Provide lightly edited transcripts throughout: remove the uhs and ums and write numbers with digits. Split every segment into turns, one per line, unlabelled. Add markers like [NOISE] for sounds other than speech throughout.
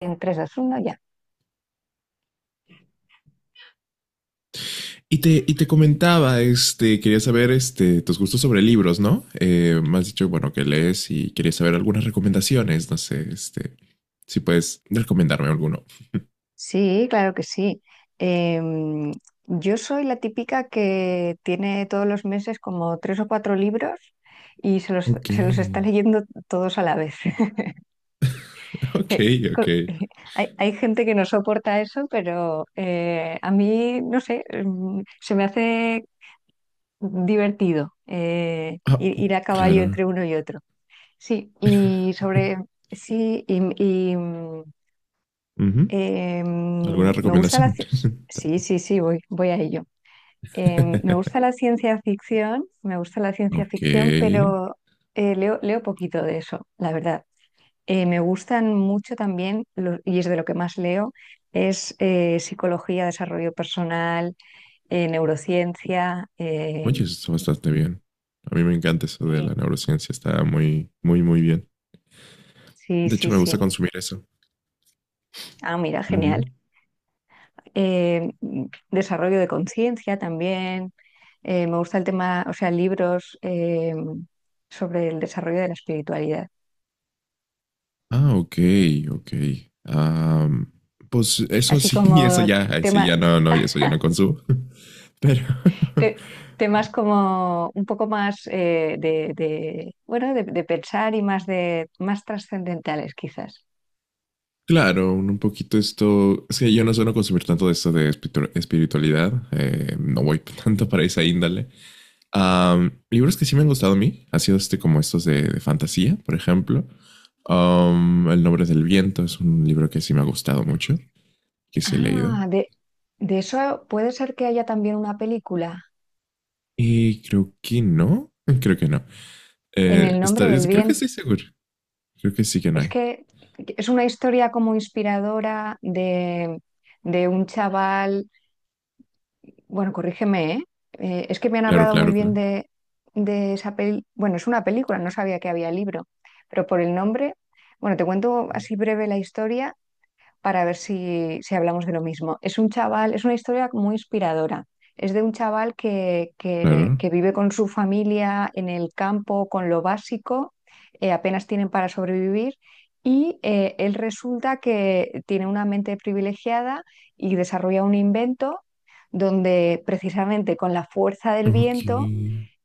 En 3, 2, 1, ya.
Y te comentaba, quería saber tus gustos sobre libros, ¿no? Me has dicho, bueno, que lees y quería saber algunas recomendaciones, no sé, si puedes recomendarme alguno.
Sí, claro que sí. Em, yo soy la típica que tiene todos los meses como tres o cuatro libros y se los,
Ok,
se los está leyendo todos a la vez. [LAUGHS]
[LAUGHS] ok,
Eh,
ok.
Co- eh, hay gente que no soporta eso, pero a mí, no sé, se me hace divertido,
Ah,
ir a caballo entre
claro.
uno y otro. Sí, y sobre, sí, y, mm,
Ujú. ¿Alguna
Me gusta la...
recomendación?
ci- Sí, sí, sí, voy a ello. Me
[LAUGHS]
gusta la ciencia ficción, me gusta la ciencia ficción,
Ok.
pero leo poquito de eso, la verdad. Me gustan mucho también, y es de lo que más leo, es psicología, desarrollo personal, neurociencia.
Oye, eso está bastante bien. A mí me encanta eso de la
Sí,
neurociencia, está muy, muy, muy bien.
sí,
De
sí,
hecho, me gusta
sí.
consumir eso.
Ah, mira, genial. Eh, Desarrollo de conciencia también. Me gusta el tema, o sea, libros, sobre el desarrollo de la espiritualidad.
Ah, ok, ok. Am, pues eso
Así
sí, [LAUGHS] eso
como
ya, ay, sí,
tema,
ya no, no, eso ya no consumo. [LAUGHS] Pero, [LAUGHS]
te- temas como un poco más, de, bueno, de pensar y más de más trascendentales quizás.
claro, un poquito esto, es que yo no suelo consumir tanto de esto de espiritualidad, no voy [LAUGHS] tanto para esa índole. Libros que sí me han gustado a mí, ha sido este como estos de fantasía, por ejemplo. El nombre del viento es un libro que sí me ha gustado mucho, que sí he leído.
Ah, de eso puede ser que haya también una película
Y creo que no, [LAUGHS] creo que no.
en el nombre del
Creo que
bien.
estoy seguro. Creo que sí que no
Es
hay.
que es una historia como inspiradora de un chaval, bueno, corrígeme, ¿eh? Es que me han
Claro,
hablado muy
claro,
bien
claro.
de esa peli. Bueno, es una película, no sabía que había libro, pero por el nombre, bueno, te cuento así breve la historia para ver si hablamos de lo mismo. Es un chaval, es una historia muy inspiradora. Es de un chaval que, que-
Claro.
que vive con su familia en el campo, con lo básico, apenas tienen para sobrevivir y, él resulta que tiene una mente privilegiada y desarrolla un invento donde precisamente con la fuerza del
Ok.
viento,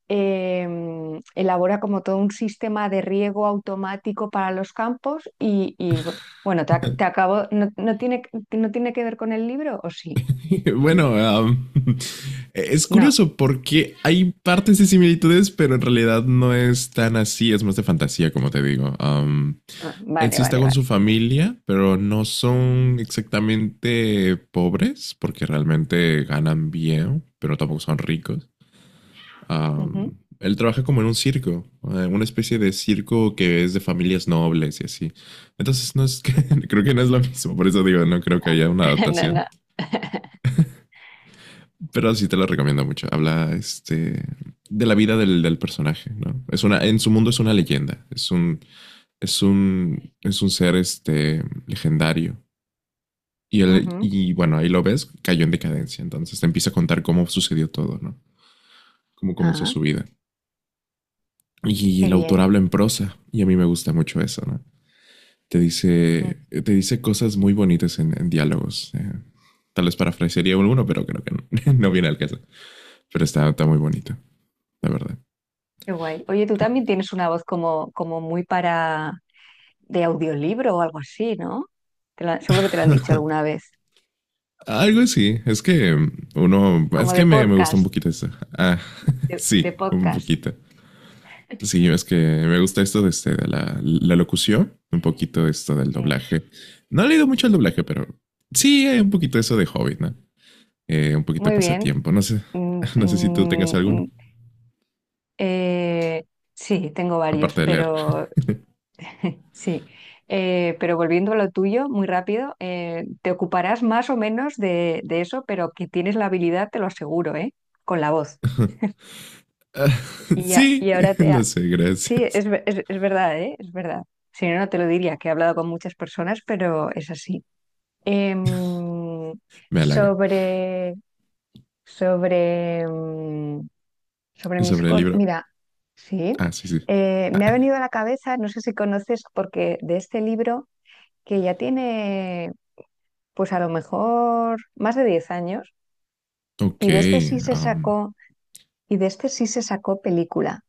elabora como todo un sistema de riego automático para los campos y, bueno, te
[LAUGHS]
acabo, no, no tiene que ver con el libro, ¿o sí?
Bueno, [LAUGHS] es
No.
curioso porque hay partes de similitudes, pero en realidad no es tan así. Es más de fantasía, como te digo.
Ah,
Ed
vale,
sí está
vale,
con
vale.
su familia, pero no son exactamente pobres porque realmente ganan bien, pero tampoco son ricos.
Ujú.
Él trabaja como en un circo, una especie de circo que es de familias nobles y así. Entonces, no es que, [LAUGHS] creo que no es lo mismo, por eso digo, no creo que haya una
[LAUGHS] No,
adaptación.
no.
Pero sí te lo recomiendo mucho. Habla este, de la vida del, del personaje, ¿no? Es una, en su mundo es una leyenda, es un ser este, legendario. Y, él,
Ujú.
y bueno, ahí lo ves, cayó en decadencia. Entonces te empieza a contar cómo sucedió todo, ¿no? Cómo comenzó
Ah,
su vida. Y
qué
el
bien.
autor habla en prosa y a mí me gusta mucho eso, ¿no?
Mm,
Te dice cosas muy bonitas en diálogos. Tal vez parafrasearía uno, pero creo que no, [LAUGHS] no viene al caso. Pero está, está muy bonito, la verdad.
Qué guay. Oye, tú también tienes una voz como muy para de audiolibro o algo así, ¿no? Seguro que te lo han dicho alguna vez.
Algo así, es que uno, es
Como de
que me gusta un
podcast,
poquito eso. Ah, [LAUGHS]
de
sí, un
podcast.
poquito. Sí, es que me gusta esto de, de la, la locución, un poquito esto del
Sí.
doblaje. No he leído mucho el doblaje, pero sí, hay un poquito eso de Hobbit, ¿no? Un poquito de
Muy bien.
pasatiempo. No sé,
Mm,
[LAUGHS] no sé si tú
mm,
tengas alguno,
mm, Eh, sí, tengo varios,
aparte de leer.
pero sí. Pero volviendo a lo tuyo, muy rápido, te ocuparás más o menos de eso, pero que tienes la habilidad, te lo aseguro, ¿eh? Con la voz.
[LAUGHS]
Y, ya-
Sí,
y ahora te...
lo
ha-
sé,
Sí,
gracias.
es verdad, ¿eh? Es verdad. Si no, no te lo diría, que he hablado con muchas personas, pero es así. Em,
Me halaga.
sobre, sobre, mm, Sobre mis
Sobre el
cosas.
libro.
Mira, sí.
Ah, sí, sí. Ah,
Me ha venido a la cabeza, no sé si conoces, porque de este libro que ya tiene, pues a lo mejor más de 10 años,
ok.
y de este sí se
um,
sacó, y de este sí se sacó película.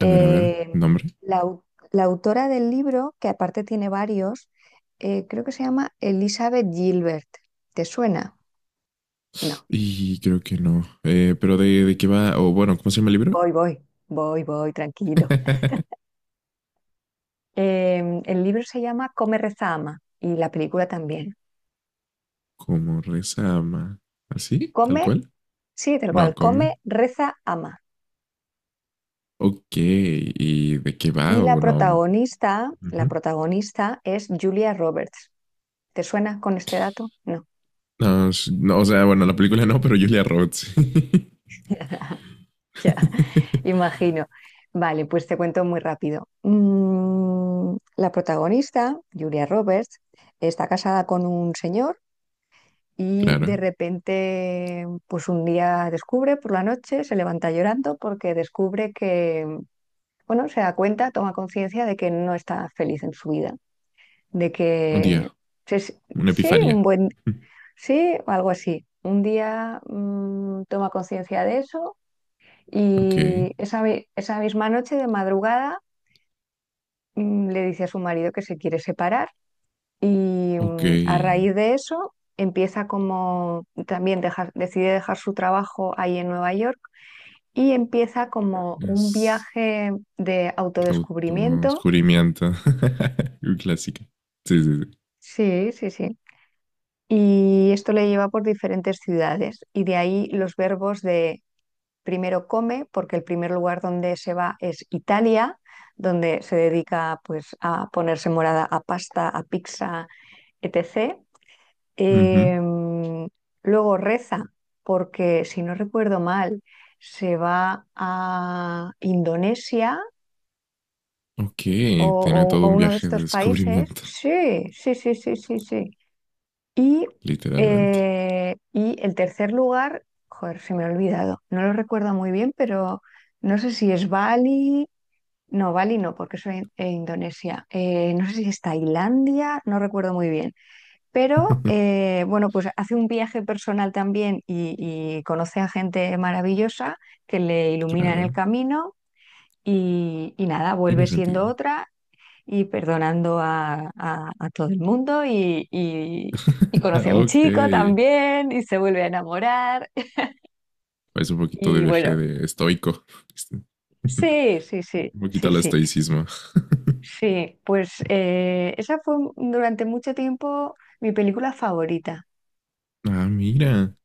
a ver, a ver, nombre.
la, au- la autora del libro, que aparte tiene varios, creo que se llama Elizabeth Gilbert. ¿Te suena? No.
Y creo que no. Pero de qué va, o oh, bueno, ¿cómo se llama el libro?
Voy, voy, voy, voy, tranquilo.
[LAUGHS]
El libro se llama Come, reza, ama, y la película también.
Como reza ama. ¿Así? ¿Tal
Come,
cual?
sí, tal
No,
cual, come,
come.
reza, ama.
Ok. ¿Y de qué
Y
va?
la
O no.
protagonista,
Ujú.
es Julia Roberts. ¿Te suena con este dato? No.
No, s- no, o sea, bueno, la película no, pero Julia Roberts. [LAUGHS]
[LAUGHS] Ya,
[LAUGHS]
imagino. Vale, pues te cuento muy rápido. La protagonista, Julia Roberts, está casada con un señor y
Claro,
de repente, pues un día descubre por la noche, se levanta llorando porque descubre que, bueno, se da cuenta, toma conciencia de que no está feliz en su vida, de
un
que
día,
sí,
una
sí,
epifanía. [LAUGHS]
sí, o algo así. Un día, toma conciencia de eso
Ok,
y esa misma noche de madrugada, le dice a su marido que se quiere separar y,
ok.
a raíz de eso empieza como también decide dejar su trabajo ahí en Nueva York y empieza como un
Es
viaje de
de
autodescubrimiento.
autodescubrimiento. [LAUGHS] Un clásico. Sí, sí, sí.
Sí, sí, sí. Y esto le lleva por diferentes ciudades y de ahí los verbos de: primero come, porque el primer lugar donde se va es Italia, donde se dedica pues a ponerse morada a pasta, a pizza, etc.
Ujú.
Em, Luego reza, porque si no recuerdo mal, se va a Indonesia
Ok,
o,
tiene todo
o
un
uno de
viaje de
estos países.
descubrimiento,
Sí, sí, sí, sí, sí, sí. Y,
literalmente.
y el tercer lugar, joder, se me ha olvidado, no lo recuerdo muy bien, pero no sé si es Bali no, porque soy en Indonesia. No sé si es Tailandia, no recuerdo muy bien, pero
[LAUGHS]
bueno, pues hace un viaje personal también y conoce a gente maravillosa que le ilumina en el
Claro,
camino, y nada,
tiene
vuelve siendo
sentido.
otra y perdonando a todo el mundo, y
[LAUGHS]
conoce a un
Ok,
chico
es
también y se vuelve a enamorar. [LAUGHS]
un poquito de
Y
viaje
bueno,
de estoico. [LAUGHS]
sí, sí, sí,
Un poquito
sí,
al
sí,
estoicismo.
sí. Pues esa fue durante mucho tiempo mi película favorita.
Ah, mira.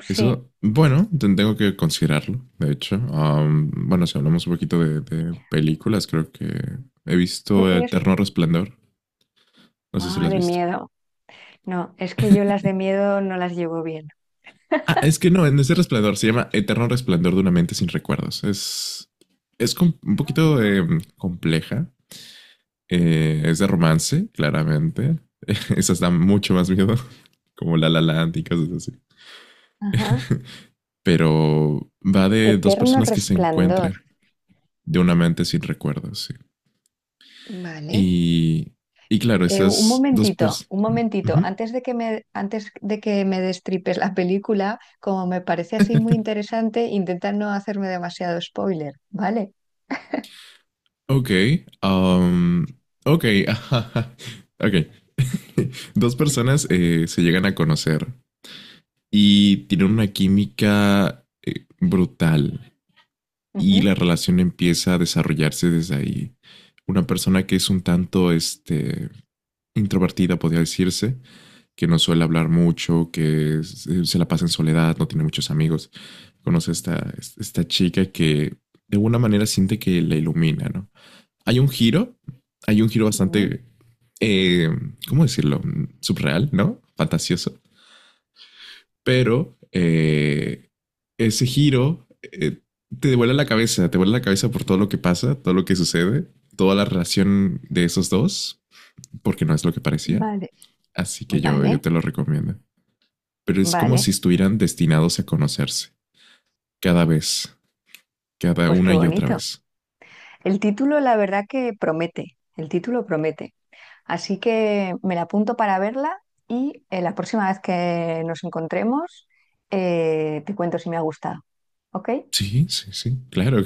Sí,
Eso, bueno, tengo que considerarlo, de hecho. Bueno, si hablamos un poquito de películas, creo que he
tú
visto
tienes...
Eterno Resplandor. No sé si lo
Ah,
has
de
visto.
miedo. No, es que yo las de miedo no las llevo bien.
Ah, es que no, en ese Resplandor se llama Eterno Resplandor de una mente sin recuerdos. Un poquito compleja. Es de romance, claramente. [LAUGHS] Esas dan mucho más miedo, [LAUGHS] como La La Land y cosas así.
Ajá.
Pero va de dos
Eterno
personas que se
resplandor.
encuentran de una mente sin recuerdos, sí.
Vale.
Y, y claro,
Un
esas dos
momentito,
personas.
un momentito.
Uh-huh.
Antes de que me, destripes la película, como me parece así muy interesante, intenta no hacerme demasiado spoiler, ¿vale?
Ok. um, ok. [LAUGHS] Ok. [LAUGHS] Dos personas se llegan a conocer y tienen una química brutal y
Ujú.
la relación empieza a desarrollarse desde ahí. Una persona que es un tanto este, introvertida, podría decirse, que no suele hablar mucho, que se la pasa en soledad, no tiene muchos amigos conoce a esta chica que de alguna manera siente que la ilumina, ¿no? Hay un giro, hay un giro
Mm,
bastante, eh, ¿cómo decirlo? Subreal, ¿no? Fantasioso. Pero ese giro te devuelve la cabeza, te vuelve la cabeza por todo lo que pasa, todo lo que sucede, toda la relación de esos dos, porque no es lo que parecía.
Vale,
Así que
vale,
yo te lo recomiendo. Pero es como
vale.
si estuvieran destinados a conocerse cada vez, cada
Pues qué
una y otra
bonito.
vez.
El título, la verdad que promete, el título promete. Así que me la apunto para verla y, la próxima vez que nos encontremos, te cuento si me ha gustado. ¿Ok?
Sí, sí, sí, claro.